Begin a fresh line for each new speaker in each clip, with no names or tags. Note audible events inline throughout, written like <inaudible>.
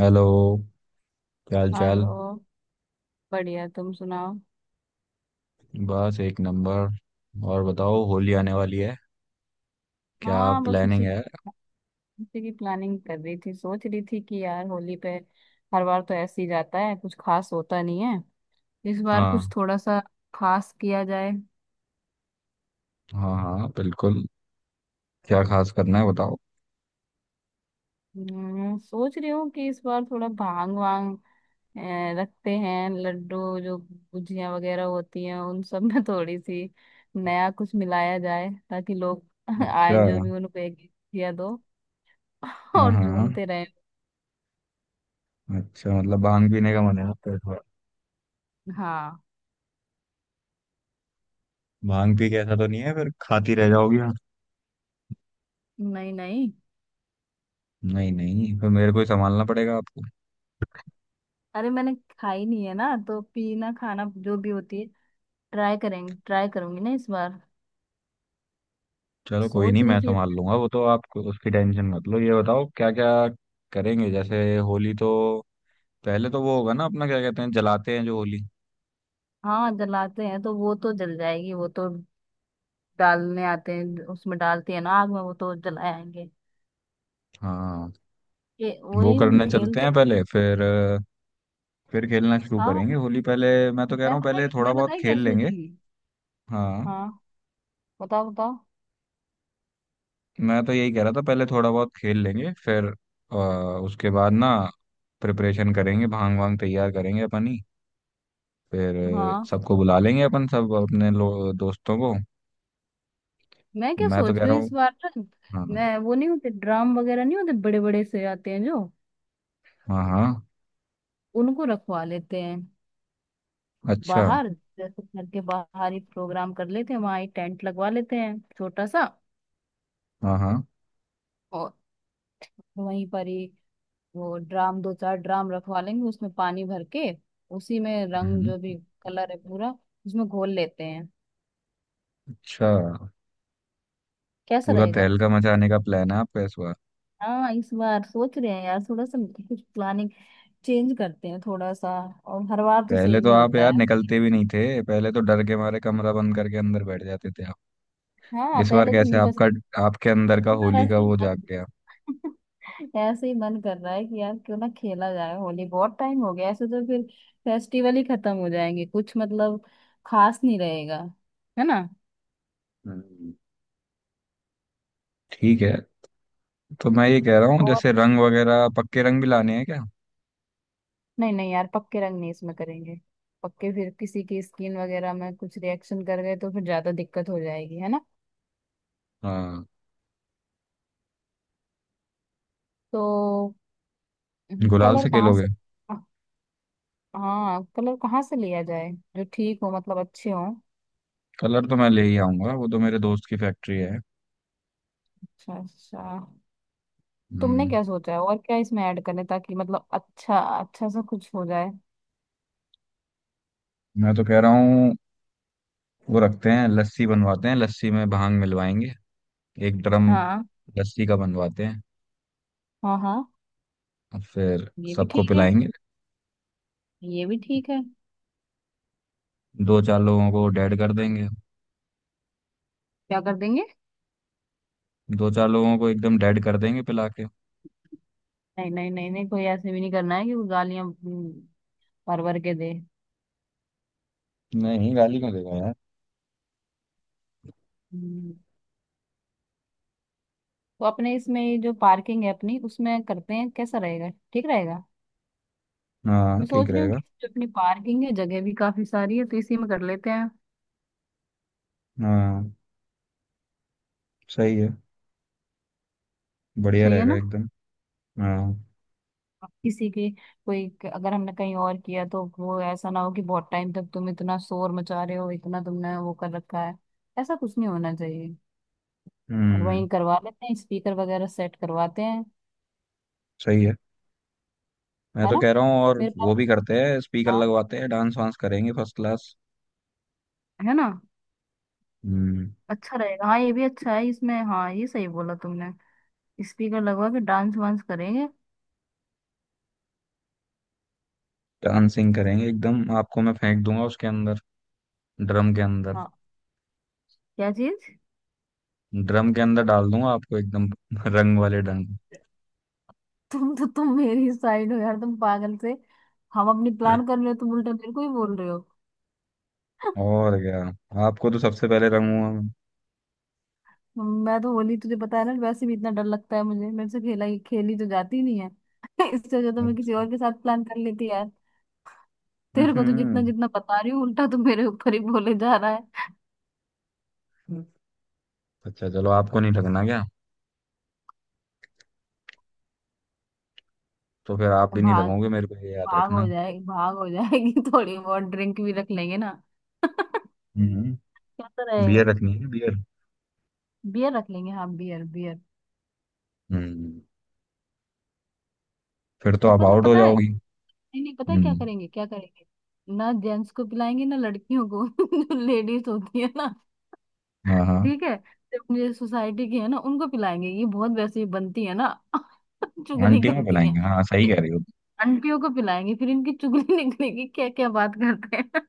Hello. क्या हाल चाल।
हेलो। बढ़िया तुम सुनाओ।
बस एक नंबर। और बताओ, होली आने वाली है, क्या
हाँ, बस
प्लानिंग
उसी
है?
उसी की प्लानिंग कर रही थी। सोच रही थी कि यार होली पे हर बार तो ऐसे ही जाता है, कुछ खास होता नहीं है। इस बार कुछ
हाँ।
थोड़ा सा खास किया जाए।
हाँ हाँ बिल्कुल। क्या खास करना है बताओ।
सोच रही हूँ कि इस बार थोड़ा भांग वांग अ, रखते हैं। लड्डू जो गुजिया वगैरह होती हैं उन सब में थोड़ी सी नया कुछ मिलाया जाए, ताकि लोग <laughs>
अच्छा।
आए जो भी उनको एक एक गुजिया दो। <laughs>
हाँ
और
हाँ।
झूमते रहे।
अच्छा, मतलब भांग पीने का मन है आपका इस बार।
हाँ।
भांग पी के ऐसा तो नहीं है फिर खाती रह जाओगी आप?
नहीं नहीं।
नहीं नहीं, फिर मेरे को ही संभालना पड़ेगा आपको।
अरे, मैंने खाई नहीं है ना, तो पीना खाना जो भी होती है ट्राई करेंगे, ट्राई करूंगी ना इस बार।
चलो कोई नहीं,
सोच रही
मैं
थी
संभाल लूंगा वो तो, आप उसकी टेंशन मत लो, ये बताओ क्या क्या करेंगे जैसे होली तो। पहले तो वो होगा ना अपना, क्या कहते हैं, जलाते हैं जो होली।
हाँ जलाते हैं तो वो तो जल जाएगी। वो तो डालने आते हैं, उसमें डालते हैं ना आग में, वो तो जलाएंगे।
हाँ।
ये
वो
वही जो
करने चलते
खेलते
हैं
हैं।
पहले, फिर फिर खेलना शुरू करेंगे
हाँ,
होली। पहले मैं तो कह रहा हूँ पहले थोड़ा
मैं पता
बहुत
है क्या
खेल
सोच
लेंगे।
रही हूँ।
हाँ।
हाँ, बताओ बताओ।
मैं तो यही कह रहा था, पहले थोड़ा बहुत खेल लेंगे फिर अ, उसके बाद ना प्रिपरेशन करेंगे, भांग वांग तैयार करेंगे अपन ही। फिर
हाँ,
सबको बुला लेंगे अपन, सब अपने लो, दोस्तों को।
मैं क्या
मैं तो
सोच
कह
रही
रहा
हूँ
हूँ।
इस बार ना।
हाँ
मैं वो नहीं होते ड्राम वगैरह नहीं होते, बड़े बड़े से आते हैं जो,
हाँ। हाँ।
उनको रखवा लेते हैं
अच्छा।
बाहर। जैसे घर के बाहर ही प्रोग्राम कर लेते हैं, वहां ही टेंट लगवा लेते हैं छोटा सा,
हाँ हाँ।
और वहीं पर ही वो ड्राम, दो चार ड्राम रखवा लेंगे, उसमें पानी भर के उसी में रंग जो
हम्म,
भी कलर है पूरा उसमें घोल लेते हैं।
अच्छा।
कैसा
पूरा
रहेगा?
तहलका मचाने का प्लान है आपका इस बार।
हाँ, इस बार सोच रहे हैं यार थोड़ा सा कुछ प्लानिंग चेंज करते हैं थोड़ा सा। और हर बार तो
पहले
सेम
तो
ही
आप
होता
यार
है।
निकलते भी नहीं थे, पहले तो डर के मारे कमरा बंद करके अंदर बैठ जाते थे आप।
हाँ,
इस बार
पहले तो
कैसे
नहीं
आपका,
पसंद।
आपके अंदर का
इस बार
होली का
ऐसी
वो जाग गया?
ऐसे ही मन कर रहा है कि यार क्यों ना खेला जाए होली, बहुत टाइम हो गया। ऐसे तो फिर फेस्टिवल ही खत्म हो जाएंगे, कुछ मतलब खास नहीं रहेगा, है ना।
हम्म, ठीक है। तो मैं ये कह रहा हूँ
और
जैसे रंग वगैरह, पक्के रंग भी लाने हैं क्या?
नहीं नहीं यार, पक्के रंग नहीं इसमें करेंगे। पक्के फिर किसी की स्किन वगैरह में कुछ रिएक्शन कर गए तो फिर ज्यादा दिक्कत हो जाएगी, है ना।
हाँ।
तो
गुलाल
कलर
से
कहाँ
खेलोगे।
से, हाँ कलर कहाँ से लिया जाए जो ठीक हो मतलब अच्छे हो।
कलर तो मैं ले ही आऊंगा, वो तो मेरे दोस्त की फैक्ट्री है।
अच्छा अच्छा। तुमने
हम्म।
क्या सोचा है, और क्या इसमें ऐड करें ताकि मतलब अच्छा अच्छा सा कुछ हो जाए।
मैं तो कह रहा हूँ वो रखते हैं लस्सी बनवाते हैं, लस्सी में भांग मिलवाएंगे। एक ड्रम
हाँ।
लस्सी का बनवाते हैं,
हाँ हाँ,
और फिर
ये भी
सबको
ठीक है।
पिलाएंगे।
ये भी ठीक है।
दो चार लोगों को डेड कर देंगे।
क्या कर देंगे?
दो चार लोगों को एकदम डेड कर देंगे पिला के।
नहीं नहीं नहीं नहीं, कोई ऐसे भी नहीं करना है कि वो गालियां भर भर के दे।
नहीं, गाली क्यों देगा यार।
हम्म, तो अपने इसमें ये जो पार्किंग है अपनी, उसमें करते हैं, कैसा रहेगा, ठीक रहेगा।
हाँ
मैं सोच
ठीक
रही हूँ
रहेगा।
कि जो अपनी पार्किंग है जगह भी काफी सारी है, तो इसी में कर लेते हैं।
हाँ। सही है। बढ़िया
सही है
रहेगा
ना।
एकदम। हाँ।
अब किसी की कोई अगर हमने कहीं और किया तो वो ऐसा ना हो कि बहुत टाइम तक तुम इतना शोर मचा रहे हो, इतना तुमने वो कर रखा है, ऐसा कुछ नहीं होना चाहिए। और
हम्म।
वहीं करवा लेते हैं, स्पीकर वगैरह सेट करवाते हैं,
सही है। मैं
है
तो
ना।
कह रहा हूँ और
मेरे
वो
पास,
भी करते हैं, स्पीकर
हाँ,
लगवाते हैं, डांस वांस करेंगे फर्स्ट क्लास।
है ना।
हम्म।
अच्छा रहेगा। हाँ, ये भी अच्छा है इसमें, हाँ ये सही बोला तुमने। स्पीकर लगवा के डांस वांस करेंगे।
डांसिंग करेंगे एकदम। आपको मैं फेंक दूंगा उसके अंदर, ड्रम के अंदर।
हाँ। क्या चीज?
ड्रम के अंदर डाल दूंगा आपको एकदम <laughs> रंग वाले ढंग।
तुम तो, तुम मेरी साइड हो यार, तुम पागल से। हम अपनी प्लान कर रहे हो, तुम उल्टा मेरे को ही बोल रहे हो।
और क्या, आपको तो सबसे पहले रंगूंगा।
<laughs> मैं तो होली तुझे पता है ना वैसे भी इतना डर लगता है मुझे, मेरे से खेला ही खेली तो जाती ही नहीं है। <laughs> इससे वजह तो
मैं।
मैं किसी
अच्छा।
और के साथ प्लान कर लेती यार। तेरे को तो जितना
हम्म,
जितना बता रही हूँ, उल्टा तो मेरे ऊपर ही बोले जा रहा।
अच्छा। चलो आपको नहीं लगना क्या, तो फिर आप भी नहीं
भांग।
रखोगे मेरे को, ये याद
भांग हो
रखना।
जाएगी, भांग हो जाएगी। <laughs> थोड़ी बहुत ड्रिंक भी रख लेंगे ना। <laughs> क्या
हम्म।
तो
बियर
रहेगा।
रखनी है बियर।
बियर रख लेंगे, हाँ बियर बियर।
हम्म। फिर तो
और
आप
पता
आउट हो
पता है,
जाओगी।
नहीं नहीं पता है क्या
हम्म।
करेंगे, क्या करेंगे। ना जेंट्स को पिलाएंगे, ना लड़कियों को <laughs> जो लेडीज होती है ना,
हाँ हाँ।
ठीक है, जो अपनी सोसाइटी की है ना उनको पिलाएंगे, ये बहुत वैसे ही बनती है ना। <laughs> चुगली
आंटियों को
करती है।
बुलाएंगे, हाँ सही कह रही हो।
आंटियों को पिलाएंगे, फिर इनकी चुगली <laughs> निकलेगी क्या क्या बात करते हैं।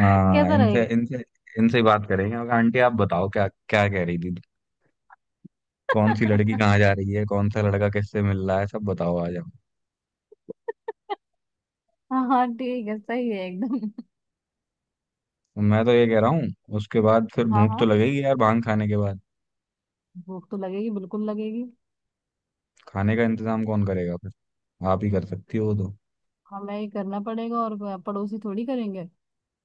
<laughs> कैसा
इनसे
रहेगा।
इनसे इनसे ही बात करेंगे, और आंटी आप बताओ क्या क्या कह रही थी, कौन सी लड़की कहाँ जा रही है, कौन सा लड़का किससे मिल रहा है, सब बताओ आ जाओ।
<laughs> हाँ हाँ ठीक है, सही है एकदम।
मैं तो ये कह रहा हूँ उसके बाद फिर
हाँ
भूख तो
हाँ।
लगेगी यार भांग खाने के बाद।
भूख तो लगेगी, बिल्कुल लगेगी।
खाने का इंतजाम कौन करेगा फिर, आप ही कर सकती हो तो।
हमें ही करना पड़ेगा, और पड़ोसी थोड़ी करेंगे।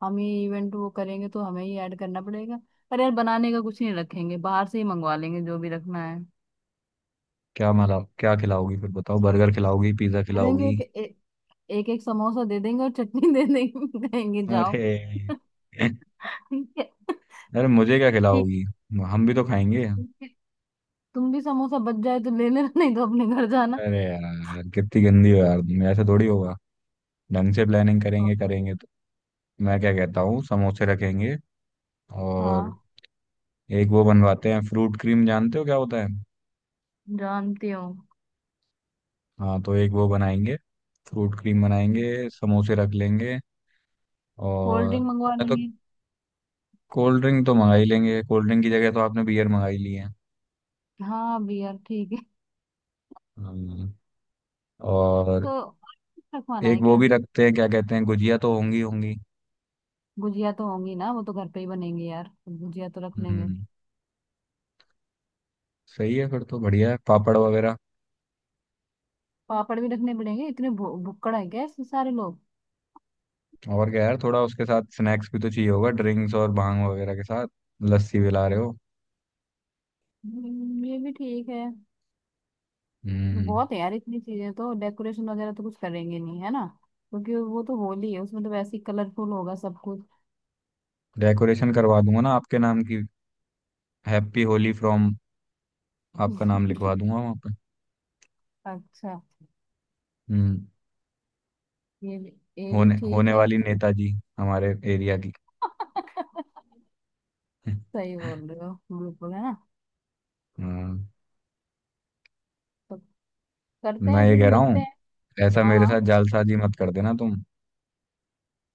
हम ही इवेंट वो करेंगे तो हमें ही ऐड करना पड़ेगा। पर यार बनाने का कुछ नहीं रखेंगे, बाहर से ही मंगवा लेंगे जो भी रखना है।
क्या मला क्या खिलाओगी फिर बताओ, बर्गर खिलाओगी, पिज्जा
दे देंगे
खिलाओगी?
एक एक एक समोसा दे देंगे और चटनी <laughs> दे देंगे, कहेंगे जाओ।
अरे।
ठीक है
अरे मुझे क्या
ठीक है
खिलाओगी, हम भी तो खाएंगे।
ठीक है। तुम भी समोसा बच जाए तो ले लेना, नहीं तो अपने घर जाना।
अरे यार कितनी गंदी हो यार तुम, ऐसा थोड़ी होगा। ढंग से प्लानिंग करेंगे करेंगे तो। मैं क्या कहता हूँ, समोसे रखेंगे,
हाँ,
और एक वो बनवाते हैं फ्रूट क्रीम, जानते हो क्या होता है?
जानती हूँ।
हाँ, तो एक वो बनाएंगे, फ्रूट क्रीम बनाएंगे, समोसे रख लेंगे,
कोल्ड
और
ड्रिंक मंगवा
मैं तो
लेंगे।
कोल्ड ड्रिंक तो मंगा ही लेंगे। कोल्ड ड्रिंक की जगह तो आपने बियर मंगाई ली है।
हाँ, बियर ठीक।
हम्म। और
तो रखवाना
एक
है
वो
क्या।
भी रखते हैं, क्या कहते हैं, गुजिया तो होंगी होंगी।
गुजिया तो होंगी ना, वो तो घर पे ही बनेंगे यार, गुजिया तो रख लेंगे।
हम्म, सही है। फिर तो बढ़िया है, पापड़ वगैरह।
पापड़ भी रखने पड़ेंगे, इतने भुक्कड़ है क्या इसमें सारे लोग।
और क्या यार, थोड़ा उसके साथ स्नैक्स भी तो चाहिए होगा ड्रिंक्स और भांग वगैरह के साथ। लस्सी भी ला रहे हो।
ये भी ठीक है।
हम्म।
बहुत है यार इतनी चीजें तो, डेकोरेशन वगैरह तो कुछ करेंगे नहीं है ना। क्योंकि वो तो होली है उसमें तो वैसे ही कलरफुल होगा सब कुछ।
डेकोरेशन करवा दूंगा ना आपके नाम की, हैप्पी होली फ्रॉम, आपका नाम
<laughs>
लिखवा दूंगा वहाँ पे।
अच्छा।
हम्म।
ये भी ये भी
होने
ठीक
होने
है।
वाली नेताजी हमारे एरिया की।
<laughs>
<laughs>
सही बोल रहे हो बिल्कुल, है ना।
हाँ।
तो करते
मैं
हैं,
ये
फिर
कह रहा
मिलते
हूँ
हैं।
ऐसा
हाँ
मेरे साथ
हाँ।
जालसाजी मत कर देना तुम,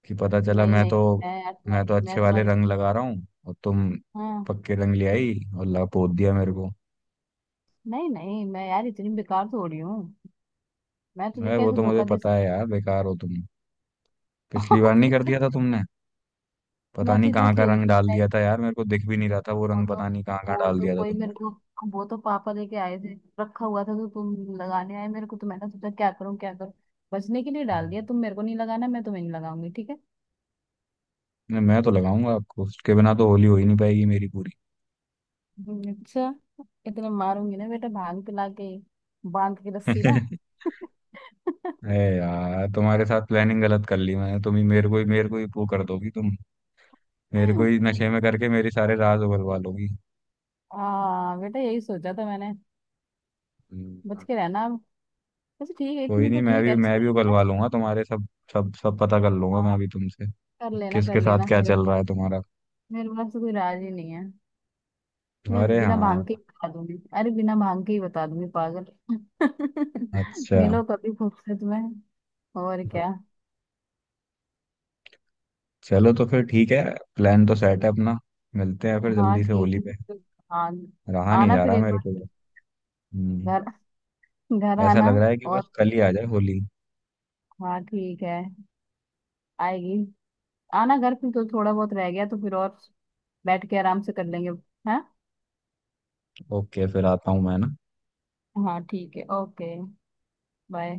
कि पता चला
नहीं
मैं तो।
नहीं,
मैं तो अच्छे
मैं
वाले
तुम्हारी।
रंग लगा रहा हूँ और तुम
हाँ।
पक्के रंग ले आई और लपोत दिया मेरे को।
नहीं नहीं मैं यार इतनी बेकार थोड़ी हूँ, मैं तुझे
अरे वो
कैसे
तो मुझे
धोखा दे
पता है यार, बेकार हो तुम। पिछली बार नहीं
सकती
कर
हूँ?
दिया था तुमने।
<laughs>
पता
मैं तो
नहीं
इतना
कहाँ का रंग
खेलती थी
डाल
मैं।
दिया था यार, मेरे को दिख भी नहीं रहा था, वो
वो
रंग
तो
पता नहीं कहाँ कहाँ
वो
डाल
तो
दिया था
कोई
तुमने।
मेरे को वो तो पापा लेके आए थे, रखा हुआ था। तो तुम लगाने आए मेरे को तो मैंने सोचा क्या करूँ क्या करूँ, बचने के लिए डाल दिया। तुम मेरे को नहीं लगाना, मैं तुम्हें नहीं लगाऊंगी, ठीक है।
नहीं, मैं तो लगाऊंगा आपको, उसके बिना तो होली हो ही नहीं पाएगी मेरी पूरी।
अच्छा। इतना मारूंगी ना बेटा भांग पिला के, बांध के रस्सी ना।
<laughs>
<laughs>
अरे यार तुम्हारे साथ प्लानिंग गलत कर ली मैंने, तुम ही मेरे को ही, मेरे को ही वो कर दोगी तुम, मेरे को ही नशे में करके मेरे सारे राज उगलवा लोगी।
हाँ बेटा, यही सोचा था मैंने। बच
हम्म।
के रहना अब। अच्छा ठीक है,
कोई
इतनी तो
नहीं, मैं
ठीक
भी
है।
मैं भी
अच्छा
उगलवा लूंगा तुम्हारे सब, सब सब पता कर लूंगा
है।
मैं भी तुमसे,
कर
किसके साथ
लेना
क्या
मेरे,
चल रहा है तुम्हारा।
मेरे पास तो कोई राज ही नहीं है, तो मैं
अरे
बिना
हाँ।
भांग के ही बता दूंगी, अरे बिना भांग के ही बता दूंगी पागल। <laughs>
अच्छा।
मिलो कभी खुद से, तुम्हें। और क्या।
चलो तो फिर ठीक है। प्लान तो सेट है अपना, मिलते हैं फिर
हाँ
जल्दी से
ठीक
होली
है
पे।
ठीक है। आ,
रहा नहीं
आना
जा
फिर
रहा
एक
मेरे को।
बार,
हम्म।
घर घर
ऐसा
आना।
लग रहा है कि
और
बस कल ही आ जाए होली।
हाँ ठीक है। आएगी। आना घर फिर, तो थोड़ा बहुत रह गया तो फिर, और बैठ के आराम से कर लेंगे। हैं।
ओके, फिर आता हूँ मैं ना।
हाँ ठीक है। Okay, bye.